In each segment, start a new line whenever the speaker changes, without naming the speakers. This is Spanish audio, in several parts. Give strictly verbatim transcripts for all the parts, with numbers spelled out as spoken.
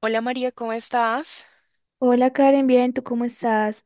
Hola María, ¿cómo estás?
Hola Karen, bien, ¿tú cómo estás?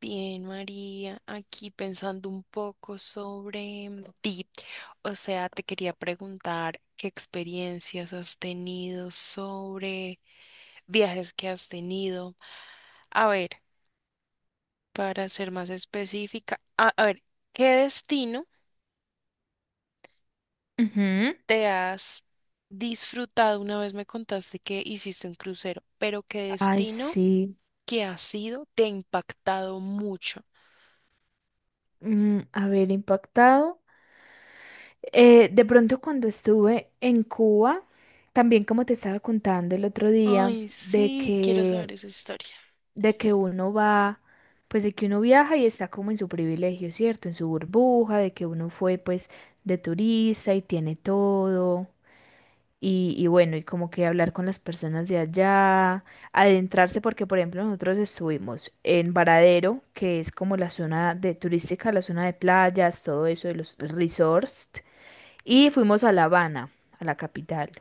Bien, María, aquí pensando un poco sobre ti. O sea, te quería preguntar qué experiencias has tenido sobre viajes que has tenido. A ver, para ser más específica, a, a ver, ¿qué destino
Ujú.
te has disfrutado? Una vez me contaste que hiciste un crucero, pero ¿qué
Ay,
destino
sí,
que has sido te ha impactado mucho?
mm, a ver, impactado. Eh, de pronto cuando estuve en Cuba, también como te estaba contando el otro día,
Ay,
de
sí, quiero
que,
saber esa historia.
de que uno va, pues de que uno viaja y está como en su privilegio, ¿cierto? En su burbuja, de que uno fue pues de turista y tiene todo. Y, y bueno, y como que hablar con las personas de allá, adentrarse, porque por ejemplo nosotros estuvimos en Varadero, que es como la zona de turística, la zona de playas, todo eso, de los resorts, y fuimos a La Habana, a la capital.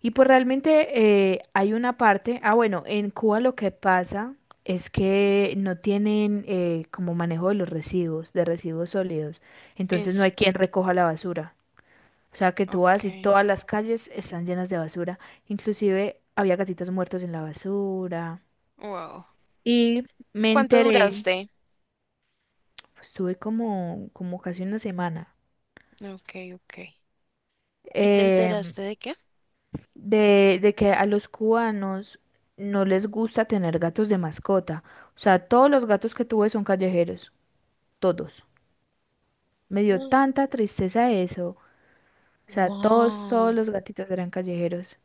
Y pues realmente eh, hay una parte, ah bueno, en Cuba lo que pasa es que no tienen eh, como manejo de los residuos, de residuos sólidos, entonces no
Es,
hay quien recoja la basura. O sea, que tú
ok.
vas y todas las calles están llenas de basura. Inclusive había gatitos muertos en la basura.
Wow.
Y me
¿Cuánto
enteré,
duraste?
pues, estuve como, como casi una semana,
Ok, ok. ¿Y te
eh,
enteraste de qué?
de, de que a los cubanos no les gusta tener gatos de mascota. O sea, todos los gatos que tuve son callejeros, todos. Me dio
Mm.
tanta tristeza eso. O sea, todos, todos
Wow.
los gatitos eran callejeros.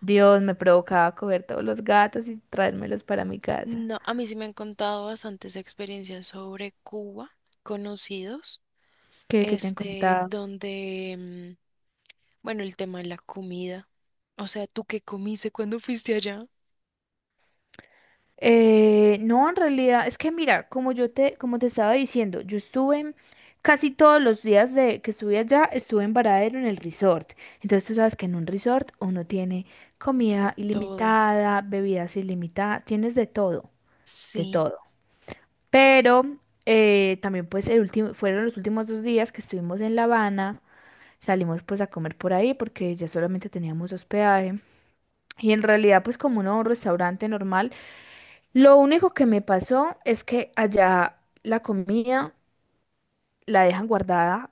Dios, me provocaba coger todos los gatos y traérmelos para mi casa.
No, a mí sí me han contado bastantes experiencias sobre Cuba, conocidos,
que, que te han
este,
contado.
donde, mm, bueno, el tema de la comida. O sea, ¿tú qué comiste cuando fuiste allá?
Eh, no, en realidad, es que mira, como yo te, como te estaba diciendo, yo estuve en- casi todos los días de que estuve allá, estuve en Varadero en el resort. Entonces tú sabes que en un resort uno tiene
De
comida
todo.
ilimitada, bebidas ilimitadas, tienes de todo, de
Sí.
todo. Pero eh, también pues el último, fueron los últimos dos días que estuvimos en La Habana, salimos pues a comer por ahí porque ya solamente teníamos hospedaje. Y en realidad pues como uno va a un restaurante normal, lo único que me pasó es que allá la comida la dejan guardada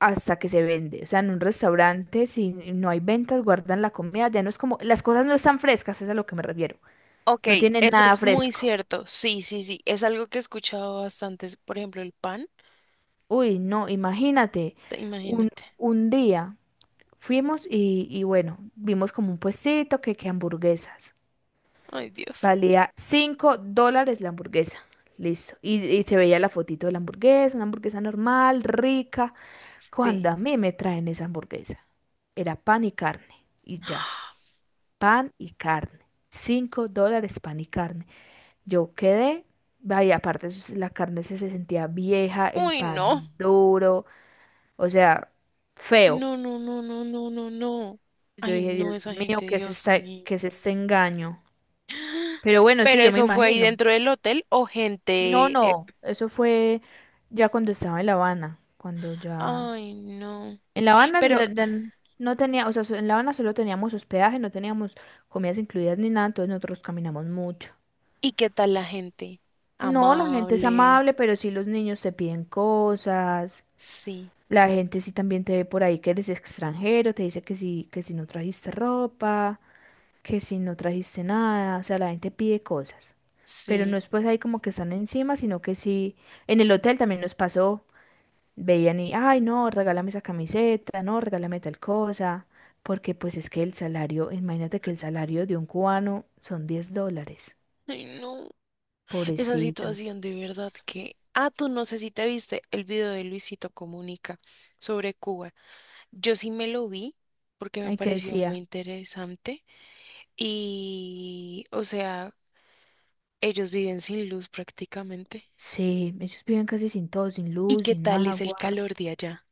hasta que se vende. O sea, en un restaurante, si no hay ventas, guardan la comida. Ya no es como, las cosas no están frescas, es a lo que me refiero.
Ok,
No tienen
eso
nada
es muy
fresco.
cierto. Sí, sí, sí. Es algo que he escuchado bastante. Por ejemplo, el pan.
Uy, no, imagínate,
Te-
un,
Imagínate.
un día fuimos y, y bueno, vimos como un puestito que, que hamburguesas.
Ay, Dios.
Valía cinco dólares la hamburguesa. Listo. Y, y se veía la fotito de la hamburguesa, una hamburguesa normal, rica. Cuando
Sí.
a mí me traen esa hamburguesa, era pan y carne, y ya, pan y carne. Cinco dólares pan y carne. Yo quedé, vaya, aparte eso sí, la carne se, se sentía vieja, el
Uy, no.
pan duro, o sea, feo.
No, no, no, no, no, no, no.
Yo
Ay,
dije,
no,
Dios
esa
mío,
gente,
¿qué es
Dios
esta-
mío.
qué es este engaño? Pero bueno, sí,
Pero
yo me
eso fue ahí
imagino.
dentro del hotel o
No,
gente. eh,
no, eso fue ya cuando estaba en La Habana, cuando ya
Ay, no.
en La Habana
Pero,
ya- ya n- no tenía, o sea, so- en La Habana solo teníamos hospedaje, no teníamos comidas incluidas ni nada, entonces nosotros caminamos mucho.
¿y qué tal la gente?
No, la gente es
Amable.
amable, pero sí los niños te piden cosas.
Sí,
La gente sí también te ve por ahí que eres extranjero, te dice que sí, que si no trajiste ropa, que si no trajiste nada, o sea, la gente pide cosas. Pero no
sí.
es pues ahí como que están encima, sino que sí, en el hotel también nos pasó. Veían y, ay, no, regálame esa camiseta, no, regálame tal cosa, porque pues es que el salario, imagínate que el salario de un cubano son diez dólares,
Ay, no. Esa
pobrecitos.
situación de verdad que. Ah, tú no sé si te viste el video de Luisito Comunica sobre Cuba. Yo sí me lo vi porque me
Ay, que
pareció muy
decía,
interesante. Y, o sea, ellos viven sin luz prácticamente.
sí, ellos viven casi sin todo, sin
¿Y
luz,
qué
sin
tal es el
agua.
calor de allá?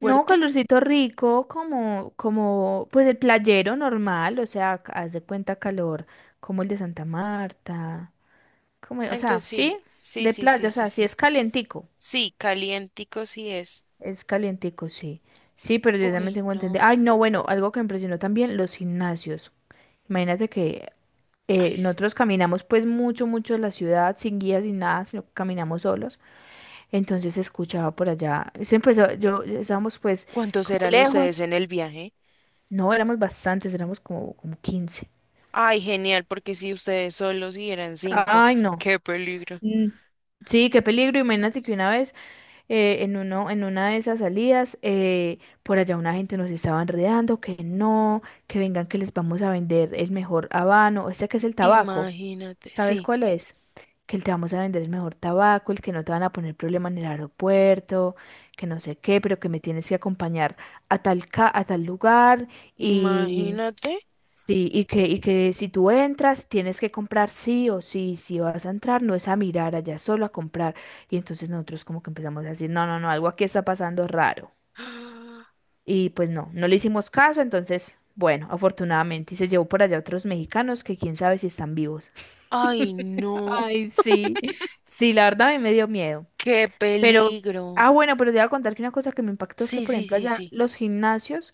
No,
¿Fuerte?
calorcito rico, como, como, pues el playero normal, o sea, ca- haz de cuenta calor, como el de Santa Marta, como, o
Ah,
sea,
entonces sí,
sí,
sí,
de
sí,
playa,
sí,
o
sí,
sea, sí
sí.
es calientico.
Sí, calientico sí es.
Es calientico, sí. Sí, pero yo también
Uy,
tengo entendido. Ay,
no.
no, bueno, algo que me impresionó también, los gimnasios. Imagínate que
Ay,
eh,
sí.
nosotros caminamos pues mucho, mucho en la ciudad, sin guía, sin nada, sino que caminamos solos. Entonces se escuchaba por allá. Se empezó, yo estábamos pues
¿Cuántos
como
serán ustedes
lejos.
en el viaje?
No, éramos bastantes, éramos como, como quince.
Ay, genial, porque si ustedes solos y eran cinco,
Ay, no.
qué peligro.
Mm, sí, qué peligro. Imagínate que una vez. Eh, en uno, en una de esas salidas, eh, por allá una gente nos estaba enredando, que no, que vengan, que les vamos a vender el mejor habano, este que es el tabaco,
Imagínate,
¿sabes
sí,
cuál es? Que te vamos a vender el mejor tabaco, el que no te van a poner problema en el aeropuerto, que no sé qué, pero que me tienes que acompañar a tal, ca- a tal lugar y
imagínate.
sí, y que, y que si tú entras, tienes que comprar sí o sí, si vas a entrar, no es a mirar allá, solo a comprar. Y entonces nosotros como que empezamos a decir, no, no, no, algo aquí está pasando raro. Y pues no, no le hicimos caso, entonces, bueno, afortunadamente, y se llevó por allá otros mexicanos que quién sabe si están vivos.
Ay, no,
Ay, sí, sí, la verdad a mí me dio miedo.
qué
Pero,
peligro.
ah, bueno, pero te voy a contar que una cosa que me impactó es que,
Sí,
por
sí,
ejemplo,
sí,
allá
sí.
los gimnasios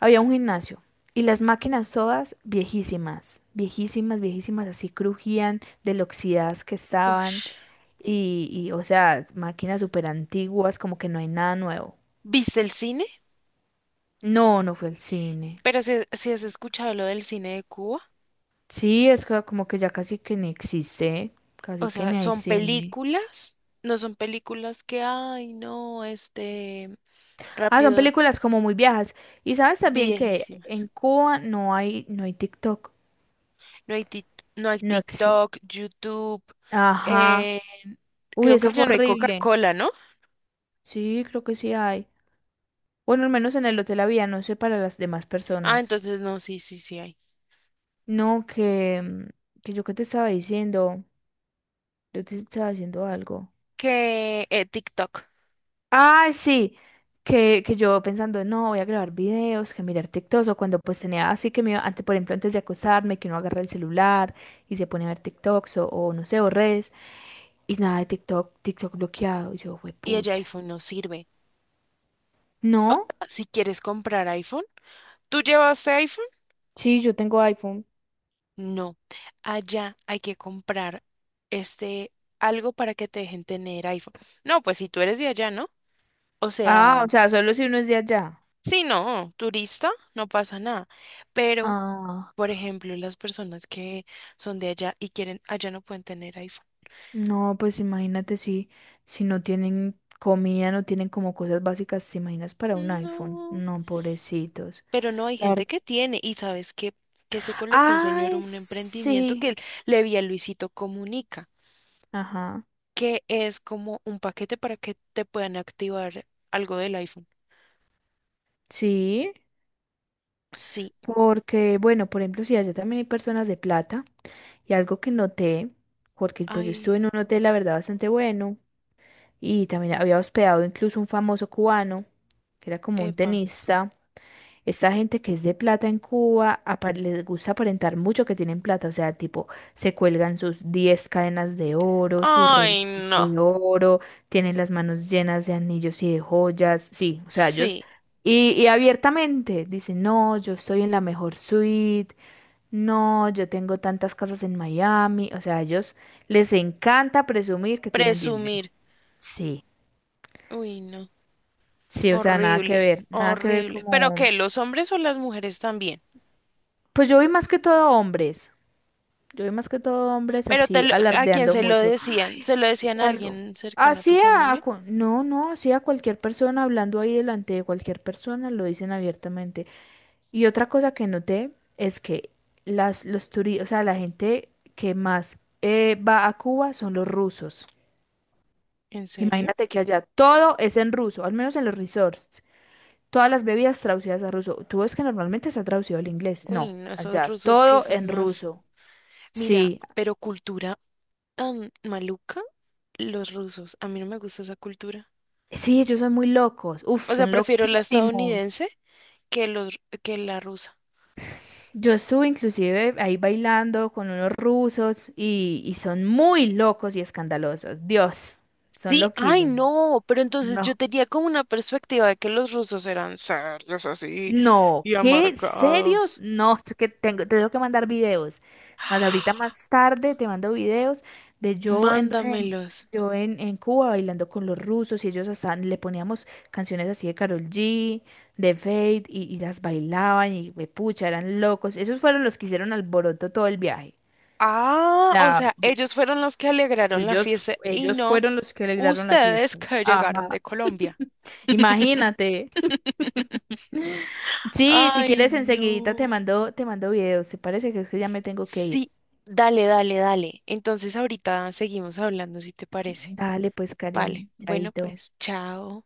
había un gimnasio y las máquinas todas viejísimas, viejísimas, viejísimas, así crujían de lo oxidadas que estaban
Ush.
y, y, o sea, máquinas súper antiguas, como que no hay nada nuevo.
¿Viste el cine?
No, no fue el cine.
Pero si, si has escuchado lo del cine de Cuba,
Sí, es que como que ya casi que ni existe, casi
o
que
sea,
ni hay
son
cine.
películas, no son películas que, ay, no, este,
Ah, son
rápido,
películas como muy viejas. Y sabes también que en
viejísimas.
Cuba no hay, no hay TikTok,
No hay, tic- no hay
no existe.
TikTok, YouTube,
Ajá.
eh,
Uy,
creo que
eso fue
allá no hay
horrible.
Coca-Cola, ¿no?
Sí, creo que sí hay. Bueno, al menos en el hotel había, no sé para las demás
Ah,
personas.
entonces no, sí, sí, sí hay.
No, que, mm, que yo qué te estaba diciendo, yo te estaba diciendo algo.
Que eh, TikTok
Ah, sí, que, que yo pensando, no, voy a grabar videos, que mirar TikToks, o cuando pues tenía así que me iba, antes, por ejemplo, antes de acostarme, que uno agarra el celular y se pone a ver TikToks o, o no sé, o redes, y nada de TikTok, TikTok bloqueado, y yo,
y el
pucha.
iPhone no sirve.
No,
Si quieres comprar iPhone, ¿tú llevas iPhone?
sí, yo tengo iPhone.
No, allá hay que comprar este algo para que te dejen tener iPhone. No, pues si tú eres de allá, ¿no? O
Ah,
sea,
o sea, solo si uno es de allá.
sí, no, turista, no pasa nada. Pero,
Ah.
por ejemplo, las personas que son de allá y quieren, allá no pueden tener iPhone.
No, pues imagínate si, si no tienen comida, no tienen como cosas básicas, ¿te imaginas para un iPhone?
No,
No, pobrecitos.
pero no hay
La
gente
ver-
que tiene. Y sabes que, que se colocó un señor
Ay,
un emprendimiento
sí.
que él le vi a Luisito Comunica,
Ajá.
que es como un paquete para que te puedan activar algo del iPhone.
Sí,
Sí,
porque, bueno, por ejemplo, si allá también hay personas de plata, y algo que noté, porque pues yo
ay,
estuve en un hotel, la verdad, bastante bueno, y también había hospedado incluso un famoso cubano, que era como un
epa.
tenista. Esta gente que es de plata en Cuba apa- les gusta aparentar mucho que tienen plata, o sea, tipo, se cuelgan sus diez cadenas de oro, sus relojes
Ay, no.
de oro, tienen las manos llenas de anillos y de joyas, sí, o sea, ellos,
Sí,
y, y abiertamente dicen, no, yo estoy en la mejor suite, no, yo tengo tantas casas en Miami, o sea, a ellos les encanta presumir que tienen dinero,
presumir.
sí,
Uy, no.
sí, o sea, nada que
Horrible,
ver, nada que ver
horrible. ¿Pero
como,
qué? ¿Los hombres o las mujeres también?
pues yo vi más que todo hombres. Yo vi más que todo hombres
¿Pero te
así
lo- a quién
alardeando
se lo
mucho.
decían? ¿Se lo
Y
decían a
algo.
alguien cercano a tu
Así a,
familia?
cu- no, no, así a cualquier persona, hablando ahí delante de cualquier persona, lo dicen abiertamente. Y otra cosa que noté es que las, los turistas, o sea, la gente que más eh, va a Cuba son los rusos.
¿En serio?
Imagínate que allá todo es en ruso, al menos en los resorts. Todas las bebidas traducidas a ruso. Tú ves que normalmente se ha traducido al inglés.
Uy,
No,
no, esos
allá
rusos que
todo
son
en
más...
ruso.
Mira,
Sí,
pero cultura tan maluca, los rusos. A mí no me gusta esa cultura.
sí, ellos son muy locos, uf,
O sea,
son
prefiero la
loquísimos.
estadounidense que los que la rusa.
Yo estuve inclusive ahí bailando con unos rusos y, y son muy locos y escandalosos. Dios, son
Sí, ay
loquísimos.
no, pero entonces yo
No.
tenía como una perspectiva de que los rusos eran serios así
No,
y
¿qué? ¿Serios?
amargados.
No, es que tengo, te tengo que mandar videos. Más ahorita más tarde te mando videos de yo en, em,
Mándamelos.
yo en, en Cuba bailando con los rusos y ellos hasta le poníamos canciones así de Karol G, de Fate y, y las bailaban y me pucha, eran locos. Esos fueron los que hicieron alboroto todo el viaje.
Ah, o
Sea,
sea,
yo-
ellos fueron los que alegraron la
ellos,
fiesta y
ellos
no
fueron los que alegraron la
ustedes
fiesta.
que llegaron
Ajá.
de Colombia.
Imagínate. Sí, si
Ay,
quieres enseguidita te
no.
mando, te mando videos. ¿Te parece que es que ya me tengo que ir?
Sí, dale, dale, dale. Entonces ahorita seguimos hablando si te parece.
Dale, pues,
Vale,
Karen,
bueno
chaito.
pues, chao.